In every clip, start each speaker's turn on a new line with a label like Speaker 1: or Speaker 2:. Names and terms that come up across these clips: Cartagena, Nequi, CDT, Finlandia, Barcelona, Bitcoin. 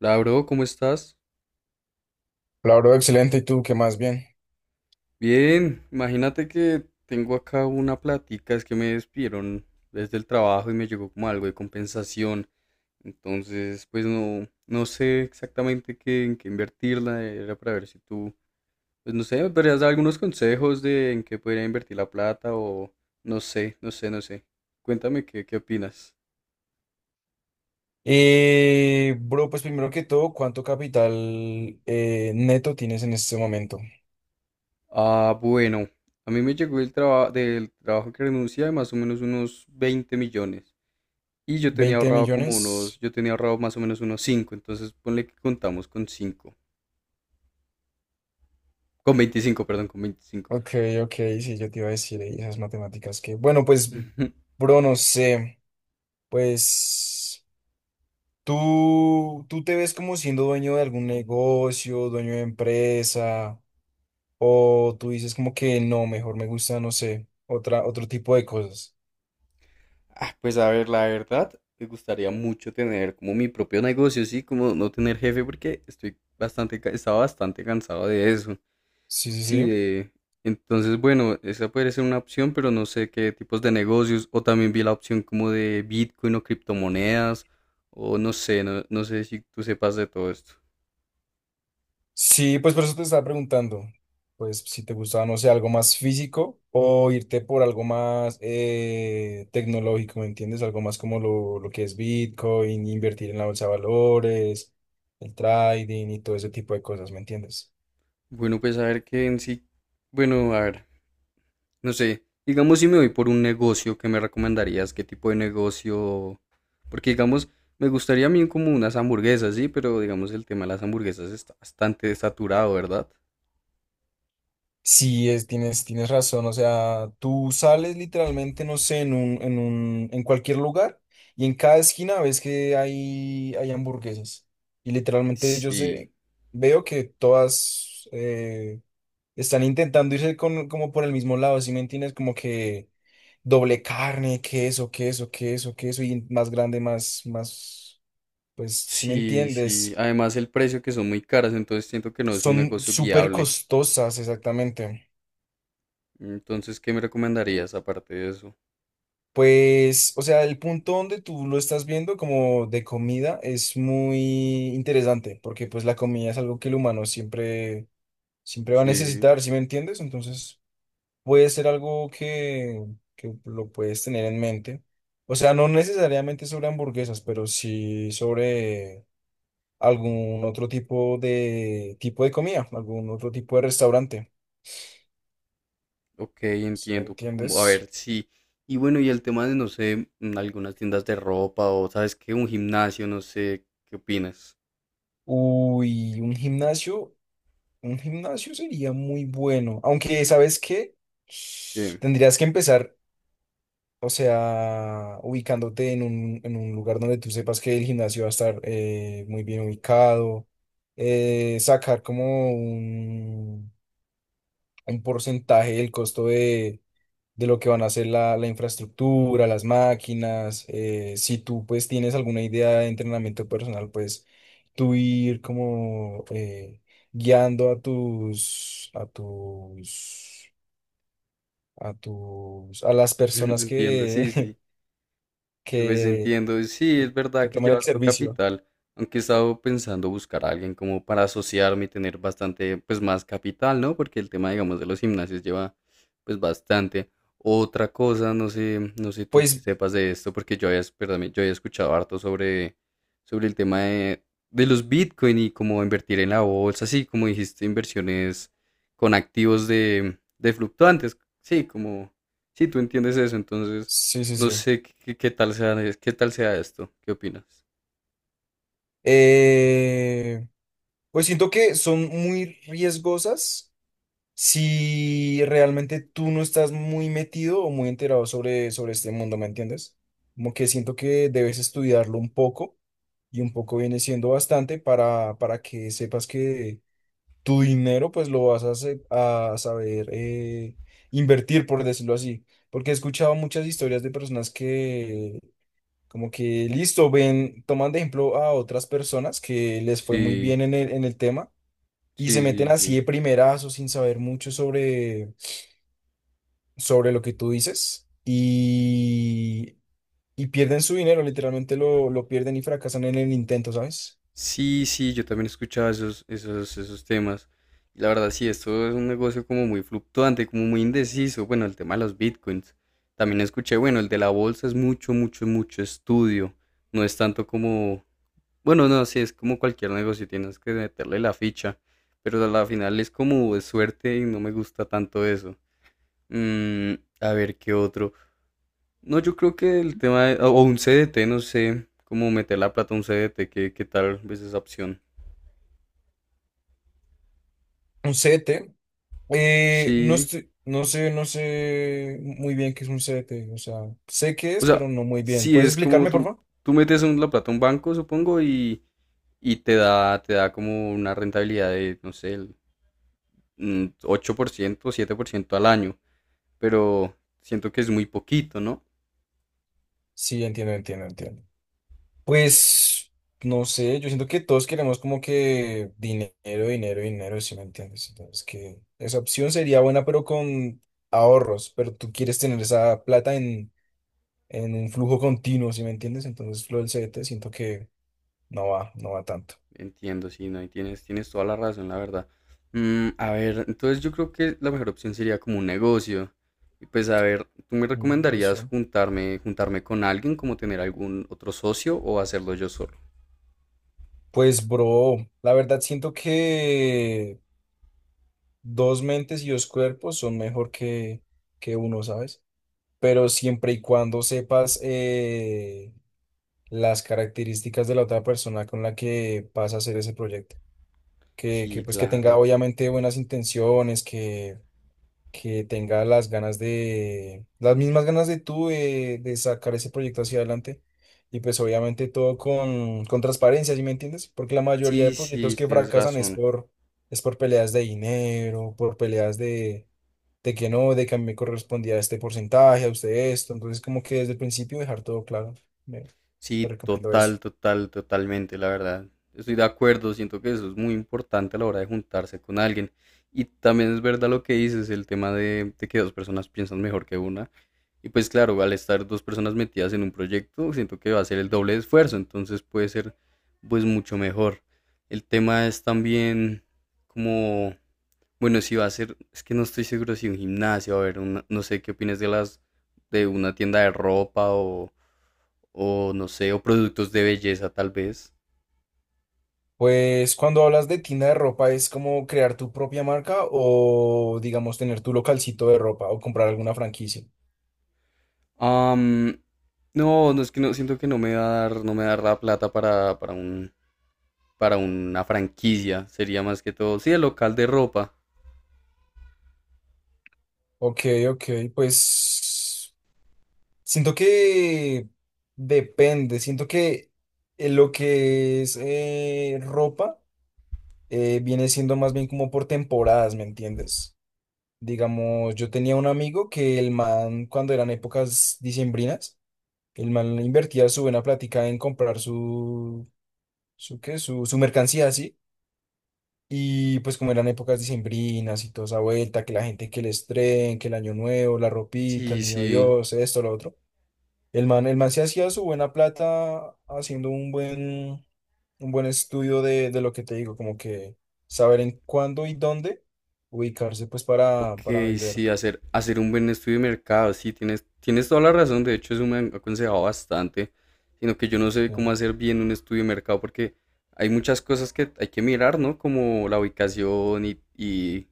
Speaker 1: Hola, ¿cómo estás?
Speaker 2: Hola, bro, excelente. ¿Y tú qué más? Bien.
Speaker 1: Bien, imagínate que tengo acá una plática, es que me despidieron desde el trabajo y me llegó como algo de compensación. Entonces, pues no sé exactamente en qué invertirla, era para ver si tú, pues no sé, me podrías dar algunos consejos de en qué podría invertir la plata o no sé. Cuéntame qué opinas.
Speaker 2: Bro, pues primero que todo, ¿cuánto capital neto tienes en este momento?
Speaker 1: Ah, bueno, a mí me llegó el trabajo del trabajo que renuncié de más o menos unos 20 millones. Y yo tenía
Speaker 2: ¿20
Speaker 1: ahorrado como unos,
Speaker 2: millones?
Speaker 1: yo tenía ahorrado más o menos unos cinco, entonces ponle que contamos con 5 con 25, perdón, con 25.
Speaker 2: Ok, ok, sí, yo te iba a decir esas matemáticas que... Bueno, pues, bro, no sé. Pues, ¿tú te ves como siendo dueño de algún negocio, ¿dueño de empresa? ¿O tú dices como que no, mejor me gusta, no sé, otra, otro tipo de cosas?
Speaker 1: Ah, pues a ver, la verdad, me gustaría mucho tener como mi propio negocio, sí, como no tener jefe, porque estoy bastante, estaba bastante cansado de eso.
Speaker 2: Sí, sí,
Speaker 1: Sí,
Speaker 2: sí.
Speaker 1: de... Entonces, bueno, esa puede ser una opción, pero no sé qué tipos de negocios, o también vi la opción como de Bitcoin o criptomonedas, o no sé, no sé si tú sepas de todo esto.
Speaker 2: Sí, pues por eso te estaba preguntando, pues si te gustaba, no sé, algo más físico o irte por algo más tecnológico, ¿me entiendes? Algo más como lo que es Bitcoin, invertir en la bolsa de valores, el trading y todo ese tipo de cosas, ¿me entiendes?
Speaker 1: Bueno, pues a ver qué en sí. Bueno, a ver, no sé. Digamos, si me voy por un negocio, ¿qué me recomendarías? ¿Qué tipo de negocio? Porque, digamos, me gustaría a mí como unas hamburguesas, sí, pero digamos, el tema de las hamburguesas está bastante saturado, ¿verdad?
Speaker 2: Sí, es, tienes, tienes razón, o sea, tú sales literalmente, no sé, en cualquier lugar y en cada esquina ves que hay hamburguesas y literalmente yo
Speaker 1: Sí,
Speaker 2: sé, veo que todas... están intentando irse con, como por el mismo lado, ¿sí me entiendes? Como que doble carne, queso, queso, queso, queso, y más grande, más, más, pues, ¿sí me
Speaker 1: sí, sí.
Speaker 2: entiendes?
Speaker 1: Además, el precio que son muy caras, entonces siento que no es un
Speaker 2: Son
Speaker 1: negocio
Speaker 2: súper
Speaker 1: viable.
Speaker 2: costosas, exactamente.
Speaker 1: Entonces, ¿qué me recomendarías aparte de eso?
Speaker 2: Pues, o sea, el punto donde tú lo estás viendo como de comida es muy interesante, porque pues la comida es algo que el humano siempre, siempre va a
Speaker 1: Sí.
Speaker 2: necesitar, ¿sí me entiendes? Entonces... puede ser algo que lo puedes tener en mente. O sea, no necesariamente sobre hamburguesas, pero sí sobre algún otro tipo de comida, algún otro tipo de restaurante.
Speaker 1: Ok,
Speaker 2: ¿Sí me
Speaker 1: entiendo. Como, a
Speaker 2: entiendes?
Speaker 1: ver, sí. Y bueno, y el tema de, no sé, algunas tiendas de ropa o, ¿sabes qué? Un gimnasio, no sé, ¿qué opinas?
Speaker 2: Uy, un gimnasio sería muy bueno. Aunque, ¿sabes qué?
Speaker 1: ¿Qué?
Speaker 2: Tendrías que empezar. O sea, ubicándote en un lugar donde tú sepas que el gimnasio va a estar muy bien ubicado, sacar como un porcentaje del costo de lo que van a hacer la, la infraestructura, las máquinas, si tú pues tienes alguna idea de entrenamiento personal, pues tú ir como guiando a tus, a tus, a tus, a las personas
Speaker 1: Entiendo, sí,
Speaker 2: que...
Speaker 1: sí. Pues
Speaker 2: que
Speaker 1: entiendo, sí,
Speaker 2: que,
Speaker 1: es verdad
Speaker 2: que
Speaker 1: que
Speaker 2: tomen el
Speaker 1: llevar tu
Speaker 2: servicio.
Speaker 1: capital, aunque he estado pensando buscar a alguien como para asociarme y tener bastante, pues más capital, ¿no? Porque el tema, digamos, de los gimnasios lleva, pues bastante. Otra cosa, no sé, no sé tú que
Speaker 2: Pues
Speaker 1: sepas de esto, porque yo había, perdón, yo había escuchado harto sobre, sobre el tema de los Bitcoin y cómo invertir en la bolsa, así como dijiste, inversiones con activos de fluctuantes, sí, como, sí, tú entiendes eso, entonces...
Speaker 2: sí, sí,
Speaker 1: No
Speaker 2: sí.
Speaker 1: sé qué tal sea esto. ¿Qué opinas?
Speaker 2: Eh, pues siento que son muy riesgosas si realmente tú no estás muy metido o muy enterado sobre, sobre este mundo, ¿me entiendes? Como que siento que debes estudiarlo un poco y un poco viene siendo bastante para que sepas que tu dinero pues lo vas a, se- a saber invertir, por decirlo así. Porque he escuchado muchas historias de personas que... Como que listo, ven, toman de ejemplo a otras personas que les fue muy
Speaker 1: Sí,
Speaker 2: bien en el tema y se
Speaker 1: sí,
Speaker 2: meten
Speaker 1: sí,
Speaker 2: así
Speaker 1: sí.
Speaker 2: de primerazo sin saber mucho sobre, sobre lo que tú dices y pierden su dinero, literalmente lo pierden y fracasan en el intento, ¿sabes?
Speaker 1: Sí, sí, yo también escuchaba esos temas. Y la verdad, sí, esto es un negocio como muy fluctuante, como muy indeciso. Bueno, el tema de los bitcoins. También escuché, bueno, el de la bolsa es mucho, mucho, mucho estudio. No es tanto como, bueno, no, sí, es como cualquier negocio, tienes que meterle la ficha. Pero a la final es como de suerte y no me gusta tanto eso. Mm, a ver, ¿qué otro? No, yo creo que el tema o un CDT, no sé cómo meter la plata a un CDT, qué tal ves esa opción.
Speaker 2: Un CDT, no
Speaker 1: Sí,
Speaker 2: estoy- no sé, no sé muy bien qué es un CDT, o sea, sé qué
Speaker 1: o
Speaker 2: es,
Speaker 1: sea,
Speaker 2: pero no muy bien.
Speaker 1: sí
Speaker 2: ¿Puedes
Speaker 1: es como
Speaker 2: explicarme, por
Speaker 1: tú,
Speaker 2: favor?
Speaker 1: tú metes la plata a un banco, supongo, y te da como una rentabilidad de, no sé, el 8% 7% al año, pero siento que es muy poquito, ¿no?
Speaker 2: Sí, entiendo, entiendo, entiendo. Pues, no sé, yo siento que todos queremos como que dinero, dinero, dinero, si me entiendes. Entonces, que esa opción sería buena, pero con ahorros, pero tú quieres tener esa plata en un flujo continuo, si me entiendes. Entonces, lo del CDT siento que no va, no va tanto.
Speaker 1: Entiendo, sí, no, y tienes, tienes toda la razón, la verdad. Mm, a ver, entonces yo creo que la mejor opción sería como un negocio. Y pues a ver, ¿tú me
Speaker 2: Mm,
Speaker 1: recomendarías
Speaker 2: negocio.
Speaker 1: juntarme con alguien, como tener algún otro socio o hacerlo yo solo?
Speaker 2: Pues, bro, la verdad siento que dos mentes y dos cuerpos son mejor que uno, ¿sabes? Pero siempre y cuando sepas... las características de la otra persona con la que vas a hacer ese proyecto.
Speaker 1: Sí,
Speaker 2: Que pues que tenga
Speaker 1: claro.
Speaker 2: obviamente buenas intenciones, que tenga las ganas de, las mismas ganas de tú de sacar ese proyecto hacia adelante. Y pues obviamente todo con transparencia, ¿sí me entiendes? Porque la mayoría de
Speaker 1: Sí,
Speaker 2: proyectos
Speaker 1: sí,
Speaker 2: que
Speaker 1: tienes
Speaker 2: fracasan
Speaker 1: razón.
Speaker 2: es por peleas de dinero, por peleas de que no, de que a mí me correspondía este porcentaje, a usted esto. Entonces como que desde el principio dejar todo claro. Me- te
Speaker 1: Sí,
Speaker 2: recomiendo eso.
Speaker 1: totalmente, la verdad. Estoy de acuerdo, siento que eso es muy importante a la hora de juntarse con alguien. Y también es verdad lo que dices, el tema de que dos personas piensan mejor que una. Y pues claro, al estar dos personas metidas en un proyecto, siento que va a ser el doble de esfuerzo, entonces puede ser pues mucho mejor. El tema es también como, bueno, si va a ser, es que no estoy seguro si un gimnasio, a ver, no sé qué opinas de las, de una tienda de ropa o no sé, o productos de belleza tal vez.
Speaker 2: Pues cuando hablas de tienda de ropa, ¿es como crear tu propia marca o digamos tener tu localcito de ropa o comprar alguna franquicia?
Speaker 1: Am, no es que no, siento que no me va a dar, no me va a dar la plata para un, para una franquicia, sería más que todo, sí, el local de ropa.
Speaker 2: Ok, ok, pues siento que depende, siento que lo que es ropa viene siendo más bien como por temporadas, ¿me entiendes? Digamos, yo tenía un amigo que el man, cuando eran épocas diciembrinas, el man invertía su buena plática en comprar su, su, ¿qué? Su mercancía así. Y pues como eran épocas dicembrinas y toda esa vuelta, que la gente que el estreno, que el año nuevo, la ropita, el
Speaker 1: Sí,
Speaker 2: niño
Speaker 1: sí.
Speaker 2: Dios, esto, lo otro. El man se hacía su buena plata haciendo un buen estudio de lo que te digo, como que saber en cuándo y dónde ubicarse pues
Speaker 1: Ok,
Speaker 2: para
Speaker 1: sí,
Speaker 2: vender.
Speaker 1: hacer un buen estudio de mercado, sí, tienes toda la razón, de hecho eso me han aconsejado bastante, sino que yo no sé cómo
Speaker 2: ¿Sí?
Speaker 1: hacer bien un estudio de mercado porque hay muchas cosas que hay que mirar, ¿no? Como la ubicación y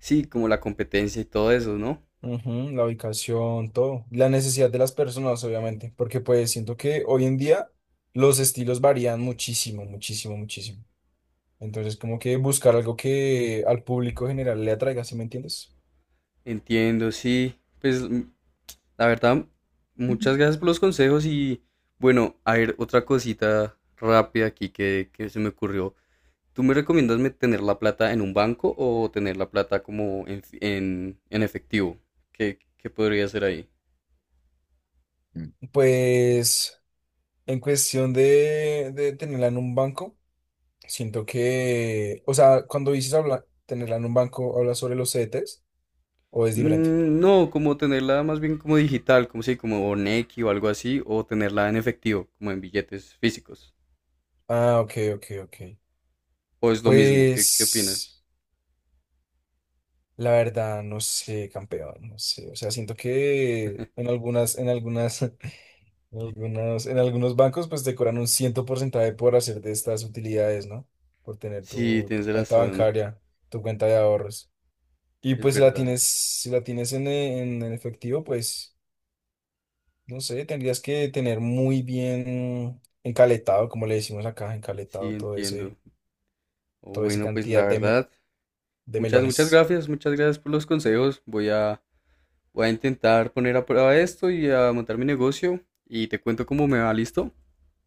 Speaker 1: sí, como la competencia y todo eso, ¿no?
Speaker 2: Ujú, la ubicación, todo. La necesidad de las personas, obviamente, porque pues siento que hoy en día los estilos varían muchísimo, muchísimo, muchísimo. Entonces, como que buscar algo que al público general le atraiga, ¿sí me entiendes?
Speaker 1: Entiendo, sí, pues mm, la verdad, muchas gracias por los consejos y bueno, a ver, otra cosita rápida aquí que se me ocurrió. ¿Tú me recomiendas tener la plata en un banco o tener la plata como en, en efectivo? Qué podría hacer ahí?
Speaker 2: Pues en cuestión de tenerla en un banco, siento que, o sea, cuando dices habla, tenerla en un banco, ¿hablas sobre los CDTs o es diferente?
Speaker 1: Mm, no, como tenerla más bien como digital, como si, como Nequi o algo así, o tenerla en efectivo, como en billetes físicos.
Speaker 2: Ah, ok, ok, ok.
Speaker 1: ¿O es lo mismo? Qué
Speaker 2: Pues
Speaker 1: opinas?
Speaker 2: la verdad, no sé, campeón, no sé. O sea, siento que en algunas en algunos, en algunos bancos pues te cobran un ciento porcentaje por hacer de estas utilidades, ¿no? Por tener
Speaker 1: Sí,
Speaker 2: tu, tu
Speaker 1: tienes
Speaker 2: cuenta
Speaker 1: razón,
Speaker 2: bancaria, tu cuenta de ahorros. Y
Speaker 1: es
Speaker 2: pues si la
Speaker 1: verdad.
Speaker 2: tienes, si la tienes en, e- en, en efectivo, pues no sé, tendrías que tener muy bien encaletado, como le decimos acá,
Speaker 1: Sí,
Speaker 2: encaletado todo ese,
Speaker 1: entiendo. Oh,
Speaker 2: toda esa
Speaker 1: bueno, pues la
Speaker 2: cantidad de, me-
Speaker 1: verdad,
Speaker 2: de
Speaker 1: muchas,
Speaker 2: melones.
Speaker 1: muchas gracias por los consejos. Voy a voy a intentar poner a prueba esto y a montar mi negocio y te cuento cómo me va, ¿listo?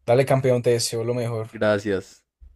Speaker 2: Dale, campeón, te deseo lo mejor.
Speaker 1: Gracias.